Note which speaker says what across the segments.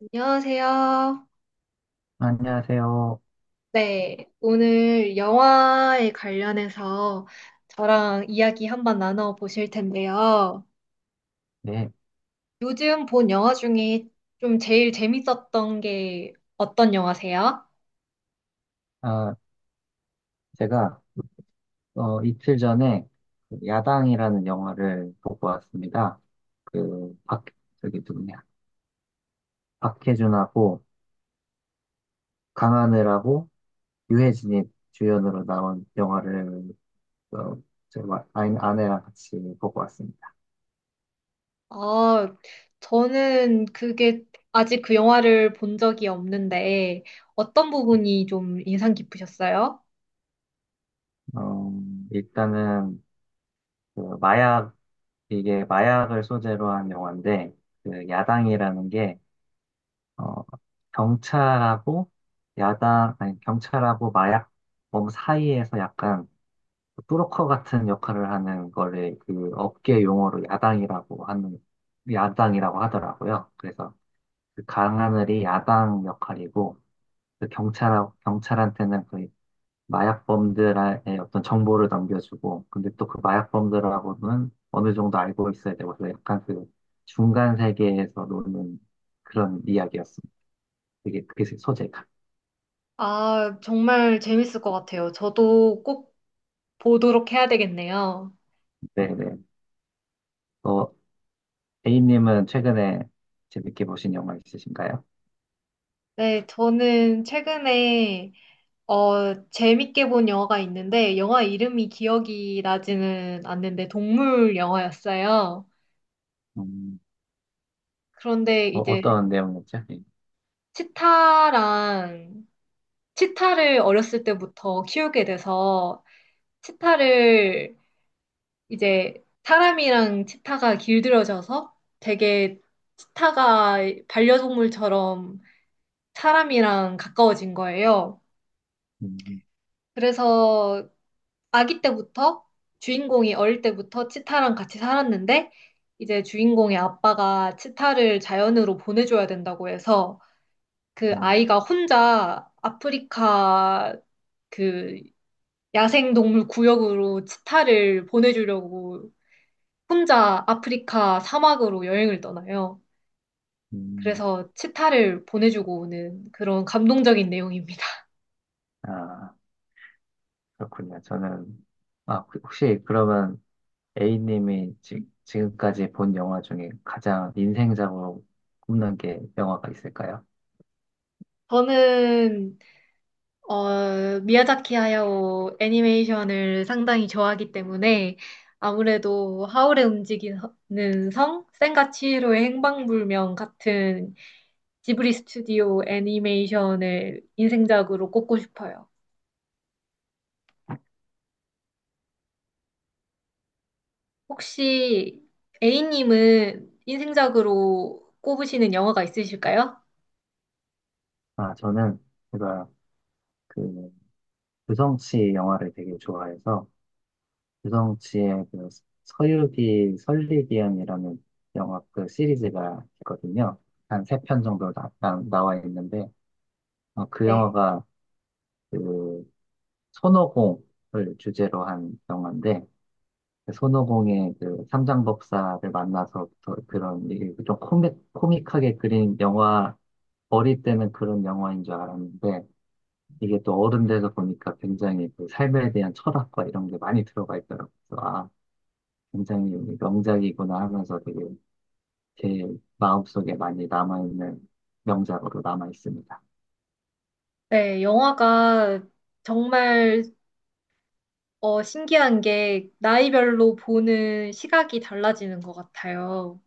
Speaker 1: 안녕하세요.
Speaker 2: 안녕하세요.
Speaker 1: 네, 오늘 영화에 관련해서 저랑 이야기 한번 나눠 보실 텐데요.
Speaker 2: 네,
Speaker 1: 요즘 본 영화 중에 좀 제일 재밌었던 게 어떤 영화세요?
Speaker 2: 아, 제가 이틀 전에 그 야당이라는 영화를 보고 왔습니다. 그 박, 저기 누구냐, 박해준하고 강하늘하고 유해진이 주연으로 나온 영화를 어, 제 아내랑 같이 보고 왔습니다.
Speaker 1: 아, 저는 그게 아직 그 영화를 본 적이 없는데 어떤 부분이 좀 인상 깊으셨어요?
Speaker 2: 어, 일단은 그 마약 이게 마약을 소재로 한 영화인데 그 야당이라는 게 어, 경찰하고 야당, 아니, 경찰하고 마약범 사이에서 약간 브로커 같은 역할을 하는 거를 그 업계 용어로 야당이라고 하더라고요. 그래서 그 강하늘이 야당 역할이고, 경찰한테는 그 마약범들의 어떤 정보를 넘겨주고, 근데 또 그 마약범들하고는 어느 정도 알고 있어야 되고, 그래서 약간 그 중간 세계에서 노는 그런 이야기였습니다. 되게 그 소재가.
Speaker 1: 아, 정말 재밌을 것 같아요. 저도 꼭 보도록 해야 되겠네요.
Speaker 2: 네네. 어, A님은 최근에 재밌게 보신 영화 있으신가요?
Speaker 1: 네, 저는 최근에 재밌게 본 영화가 있는데, 영화 이름이 기억이 나지는 않는데, 동물 영화였어요.
Speaker 2: 음,
Speaker 1: 그런데 이제
Speaker 2: 어떤 내용이었죠? 예.
Speaker 1: 치타랑, 치타를 어렸을 때부터 키우게 돼서, 치타를 이제 사람이랑 치타가 길들여져서 되게 치타가 반려동물처럼 사람이랑 가까워진 거예요.
Speaker 2: 음,
Speaker 1: 그래서 아기 때부터 주인공이 어릴 때부터 치타랑 같이 살았는데 이제 주인공의 아빠가 치타를 자연으로 보내줘야 된다고 해서 그
Speaker 2: 음,
Speaker 1: 아이가 혼자 아프리카 그 야생동물 구역으로 치타를 보내주려고 혼자 아프리카 사막으로 여행을 떠나요.
Speaker 2: 음.
Speaker 1: 그래서 치타를 보내주고 오는 그런 감동적인 내용입니다.
Speaker 2: 아, 그렇군요. 아, 혹시 그러면 A님이 지금까지 본 영화 중에 가장 인생작으로 꼽는 게 영화가 있을까요?
Speaker 1: 저는 미야자키 하야오 애니메이션을 상당히 좋아하기 때문에 아무래도 하울의 움직이는 성, 센과 치히로의 행방불명 같은 지브리 스튜디오 애니메이션을 인생작으로 꼽고 싶어요. 혹시 A님은 인생작으로 꼽으시는 영화가 있으실까요?
Speaker 2: 아, 저는 제가 그 유성 씨 영화를 되게 좋아해서 유성치의 그 서유기 설리기연이라는 영화 그 시리즈가 있거든요. 한 세 편 정도 나와 있는데 그
Speaker 1: 네.
Speaker 2: 영화가 그 손오공을 주제로 한 영화인데 그 손오공의 그 삼장법사를 만나서부터 그런 이게 좀 코믹하게 그린 영화 어릴 때는 그런 영화인 줄 알았는데 이게 또 어른 돼서 보니까 굉장히 그 삶에 대한 철학과 이런 게 많이 들어가 있더라고요. 아, 굉장히 명작이구나 하면서 되게 제 마음속에 많이 남아있는 명작으로 남아있습니다.
Speaker 1: 네, 영화가 정말 신기한 게 나이별로 보는 시각이 달라지는 것 같아요.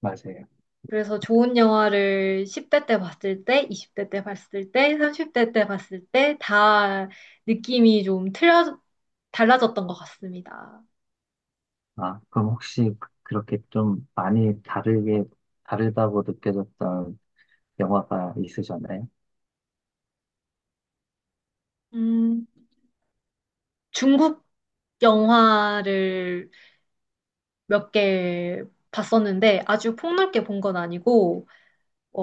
Speaker 2: 맞아요.
Speaker 1: 그래서 좋은 영화를 10대 때 봤을 때, 20대 때 봤을 때, 30대 때 봤을 때 다 느낌이 달라졌던 것 같습니다.
Speaker 2: 아, 그럼 혹시 그렇게 좀 많이 다르게, 다르다고 느껴졌던 영화가 있으셨나요?
Speaker 1: 음, 중국 영화를 몇 개 봤었는데 아주 폭넓게 본 건 아니고,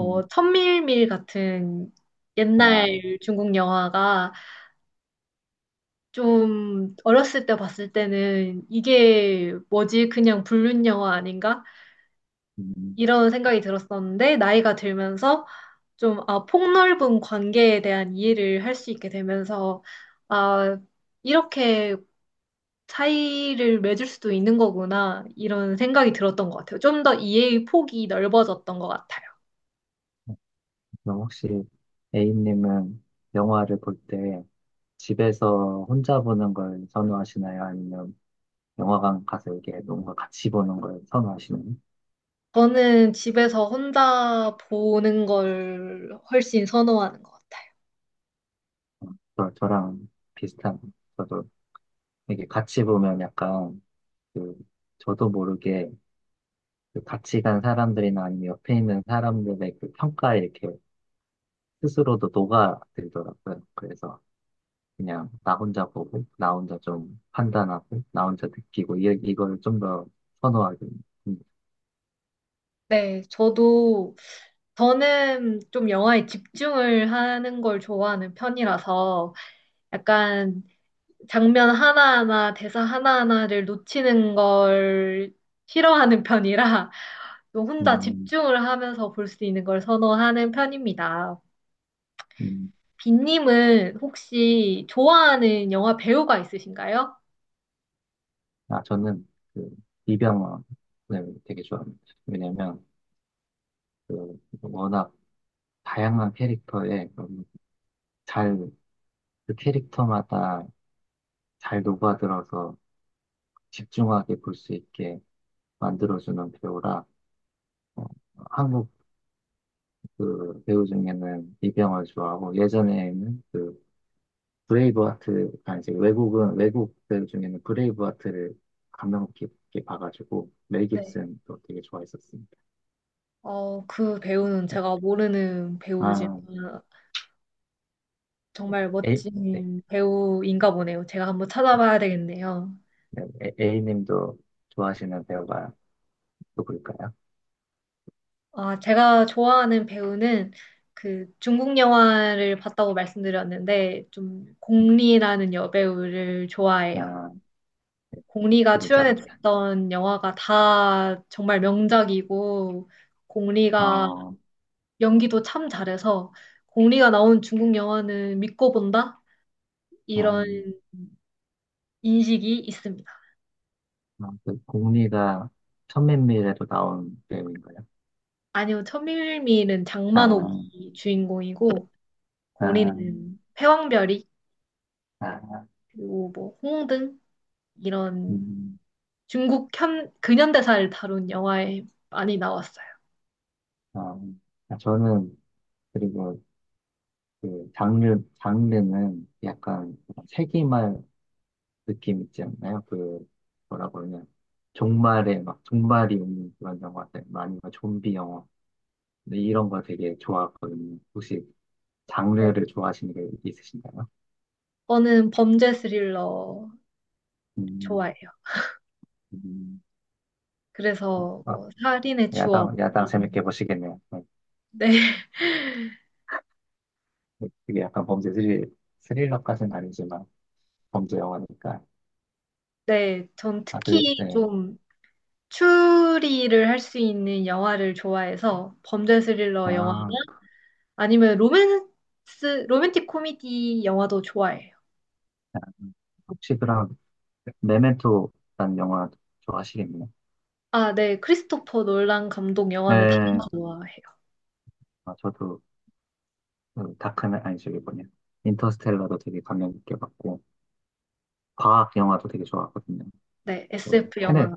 Speaker 2: 음,
Speaker 1: 천밀밀 같은
Speaker 2: 아,
Speaker 1: 옛날 중국 영화가 좀 어렸을 때 봤을 때는 이게 뭐지? 그냥 불륜 영화 아닌가?
Speaker 2: 음,
Speaker 1: 이런 생각이 들었었는데, 나이가 들면서 좀, 아, 폭넓은 관계에 대한 이해를 할 수 있게 되면서, 아, 이렇게 차이를 맺을 수도 있는 거구나, 이런 생각이 들었던 것 같아요. 좀 더 이해의 폭이 넓어졌던 것 같아요.
Speaker 2: 그럼 혹시 A님은 영화를 볼 때 집에서 혼자 보는 걸 선호하시나요? 아니면 영화관 가서 이게 뭔가 같이 보는 걸 선호하시나요?
Speaker 1: 저는 집에서 혼자 보는 걸 훨씬 선호하는 것 같아요.
Speaker 2: 저랑 비슷한, 저도 이게 같이 보면 약간 그 저도 모르게 그 같이 간 사람들이나 아니면 옆에 있는 사람들의 그 평가에 이렇게 스스로도 녹아들더라고요. 그래서 그냥 나 혼자 보고 나 혼자 좀 판단하고 나 혼자 느끼고 이걸 좀 더 선호하게 됩니다.
Speaker 1: 네, 저도, 저는 좀 영화에 집중을 하는 걸 좋아하는 편이라서, 약간 장면 하나하나, 대사 하나하나를 놓치는 걸 싫어하는 편이라 좀 혼자
Speaker 2: 음,
Speaker 1: 집중을 하면서 볼 수 있는 걸 선호하는 편입니다.
Speaker 2: 음,
Speaker 1: 빈님은 혹시 좋아하는 영화 배우가 있으신가요?
Speaker 2: 아 저는 그 이병헌을 되게 좋아합니다. 왜냐면 그 워낙 다양한 캐릭터에 너무 잘그 캐릭터마다 잘 녹아들어서 집중하게 볼 수 있게 만들어주는 배우라 어, 한국 그 배우 중에는 이병헌 좋아하고 예전에는 그 브레이브하트 아 이제 외국은 외국 배우 중에는 브레이브하트를 감명 깊게 봐가지고 멜
Speaker 1: 네.
Speaker 2: 깁슨도 되게 좋아했었습니다.
Speaker 1: 그 배우는
Speaker 2: 네.
Speaker 1: 제가 모르는 배우지만
Speaker 2: 아
Speaker 1: 정말
Speaker 2: A 네.
Speaker 1: 멋진 배우인가 보네요. 제가 한번 찾아봐야 되겠네요.
Speaker 2: 네. A님도 좋아하시는 배우가 누굴까요?
Speaker 1: 아, 제가 좋아하는 배우는 그 중국 영화를 봤다고 말씀드렸는데 좀 공리라는 여배우를 좋아해요.
Speaker 2: 아 네.
Speaker 1: 공리가
Speaker 2: 누구지 압니다.
Speaker 1: 출연했던 영화가 다 정말 명작이고 공리가
Speaker 2: 어,
Speaker 1: 연기도 참 잘해서 공리가 나온 중국 영화는 믿고 본다? 이런
Speaker 2: 음,
Speaker 1: 인식이 있습니다.
Speaker 2: 어, 그 공리가 천맨미래도 나온 배우인가요?
Speaker 1: 아니요, 천밀밀은
Speaker 2: 아
Speaker 1: 장만옥이 주인공이고
Speaker 2: 아,
Speaker 1: 공리는 패왕별이
Speaker 2: 아,
Speaker 1: 그리고 뭐 홍등 이런
Speaker 2: 음,
Speaker 1: 중국 근현대사를 다룬 영화에 많이 나왔어요.
Speaker 2: 어, 아, 저는 그리고 장르는 약간 세기말 느낌 있지 않나요? 그 뭐라고 하냐 종말에 막 종말이 오는 그런 영화들 좀비 영화 근데 이런 거 되게 좋아하거든요. 혹시
Speaker 1: 네.
Speaker 2: 장르를 좋아하시는 게 있으신가요?
Speaker 1: 저는 범죄 스릴러
Speaker 2: 음,
Speaker 1: 좋아해요.
Speaker 2: 음,
Speaker 1: 그래서
Speaker 2: 아,
Speaker 1: 뭐 살인의
Speaker 2: 야당
Speaker 1: 추억이
Speaker 2: 재밌게 보시겠네요. 네.
Speaker 1: 네,
Speaker 2: 그게 약간 범죄 스릴 스릴러까지는 아니지만 범죄 영화니까
Speaker 1: 네, 전
Speaker 2: 아, 그,
Speaker 1: 특히
Speaker 2: 네.
Speaker 1: 좀 추리를 할 수 있는 영화를 좋아해서 범죄 스릴러 영화
Speaker 2: 아,
Speaker 1: 아니면 로맨스 로맨틱 코미디 영화도 좋아해요.
Speaker 2: 혹시 그럼 메멘토라는 영화 좋아하시겠네요.
Speaker 1: 아, 네, 크리스토퍼 놀란 감독 영화는 다
Speaker 2: 네,
Speaker 1: 좋아해요.
Speaker 2: 아, 저도 그 다크맨 아니 저기 뭐냐 인터스텔라도 되게 감명 깊게 봤고 과학 영화도 되게 좋아하거든요.
Speaker 1: 네,
Speaker 2: 그
Speaker 1: SF 영화.
Speaker 2: 테넷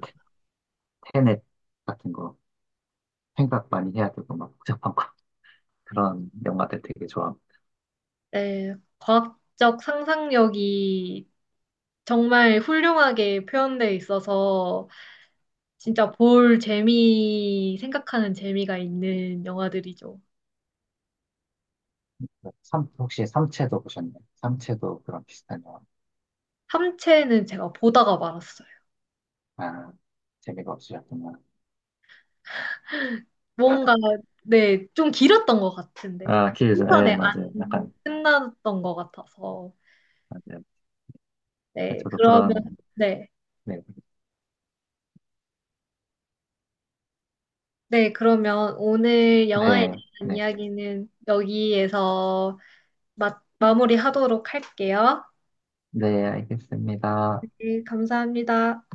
Speaker 2: 테넷 같은 거 생각 많이 해야 되고 막 복잡한 거 그런 영화들 되게 좋아합니다.
Speaker 1: 네, 과학적 상상력이 정말 훌륭하게 표현되어 있어서 진짜 볼 재미, 생각하는 재미가 있는 영화들이죠.
Speaker 2: 삼 혹시 삼체도 보셨나요? 삼체도 그런 비슷한 영화.
Speaker 1: 함체는 제가 보다가 말았어요.
Speaker 2: 아 재미가 없으셨구나.
Speaker 1: 뭔가, 네, 좀 길었던 것 같은데.
Speaker 2: 아
Speaker 1: 그
Speaker 2: 기회죠. 예
Speaker 1: 한편에 안
Speaker 2: 맞아요. 약간
Speaker 1: 끝났던 것 같아서.
Speaker 2: 맞아요.
Speaker 1: 네,
Speaker 2: 저도
Speaker 1: 그러면,
Speaker 2: 그런
Speaker 1: 네.
Speaker 2: 네
Speaker 1: 네, 그러면 오늘 영화에
Speaker 2: 네,
Speaker 1: 대한
Speaker 2: 네.
Speaker 1: 이야기는 여기에서 마무리하도록 할게요.
Speaker 2: 네, 알겠습니다.
Speaker 1: 네, 감사합니다.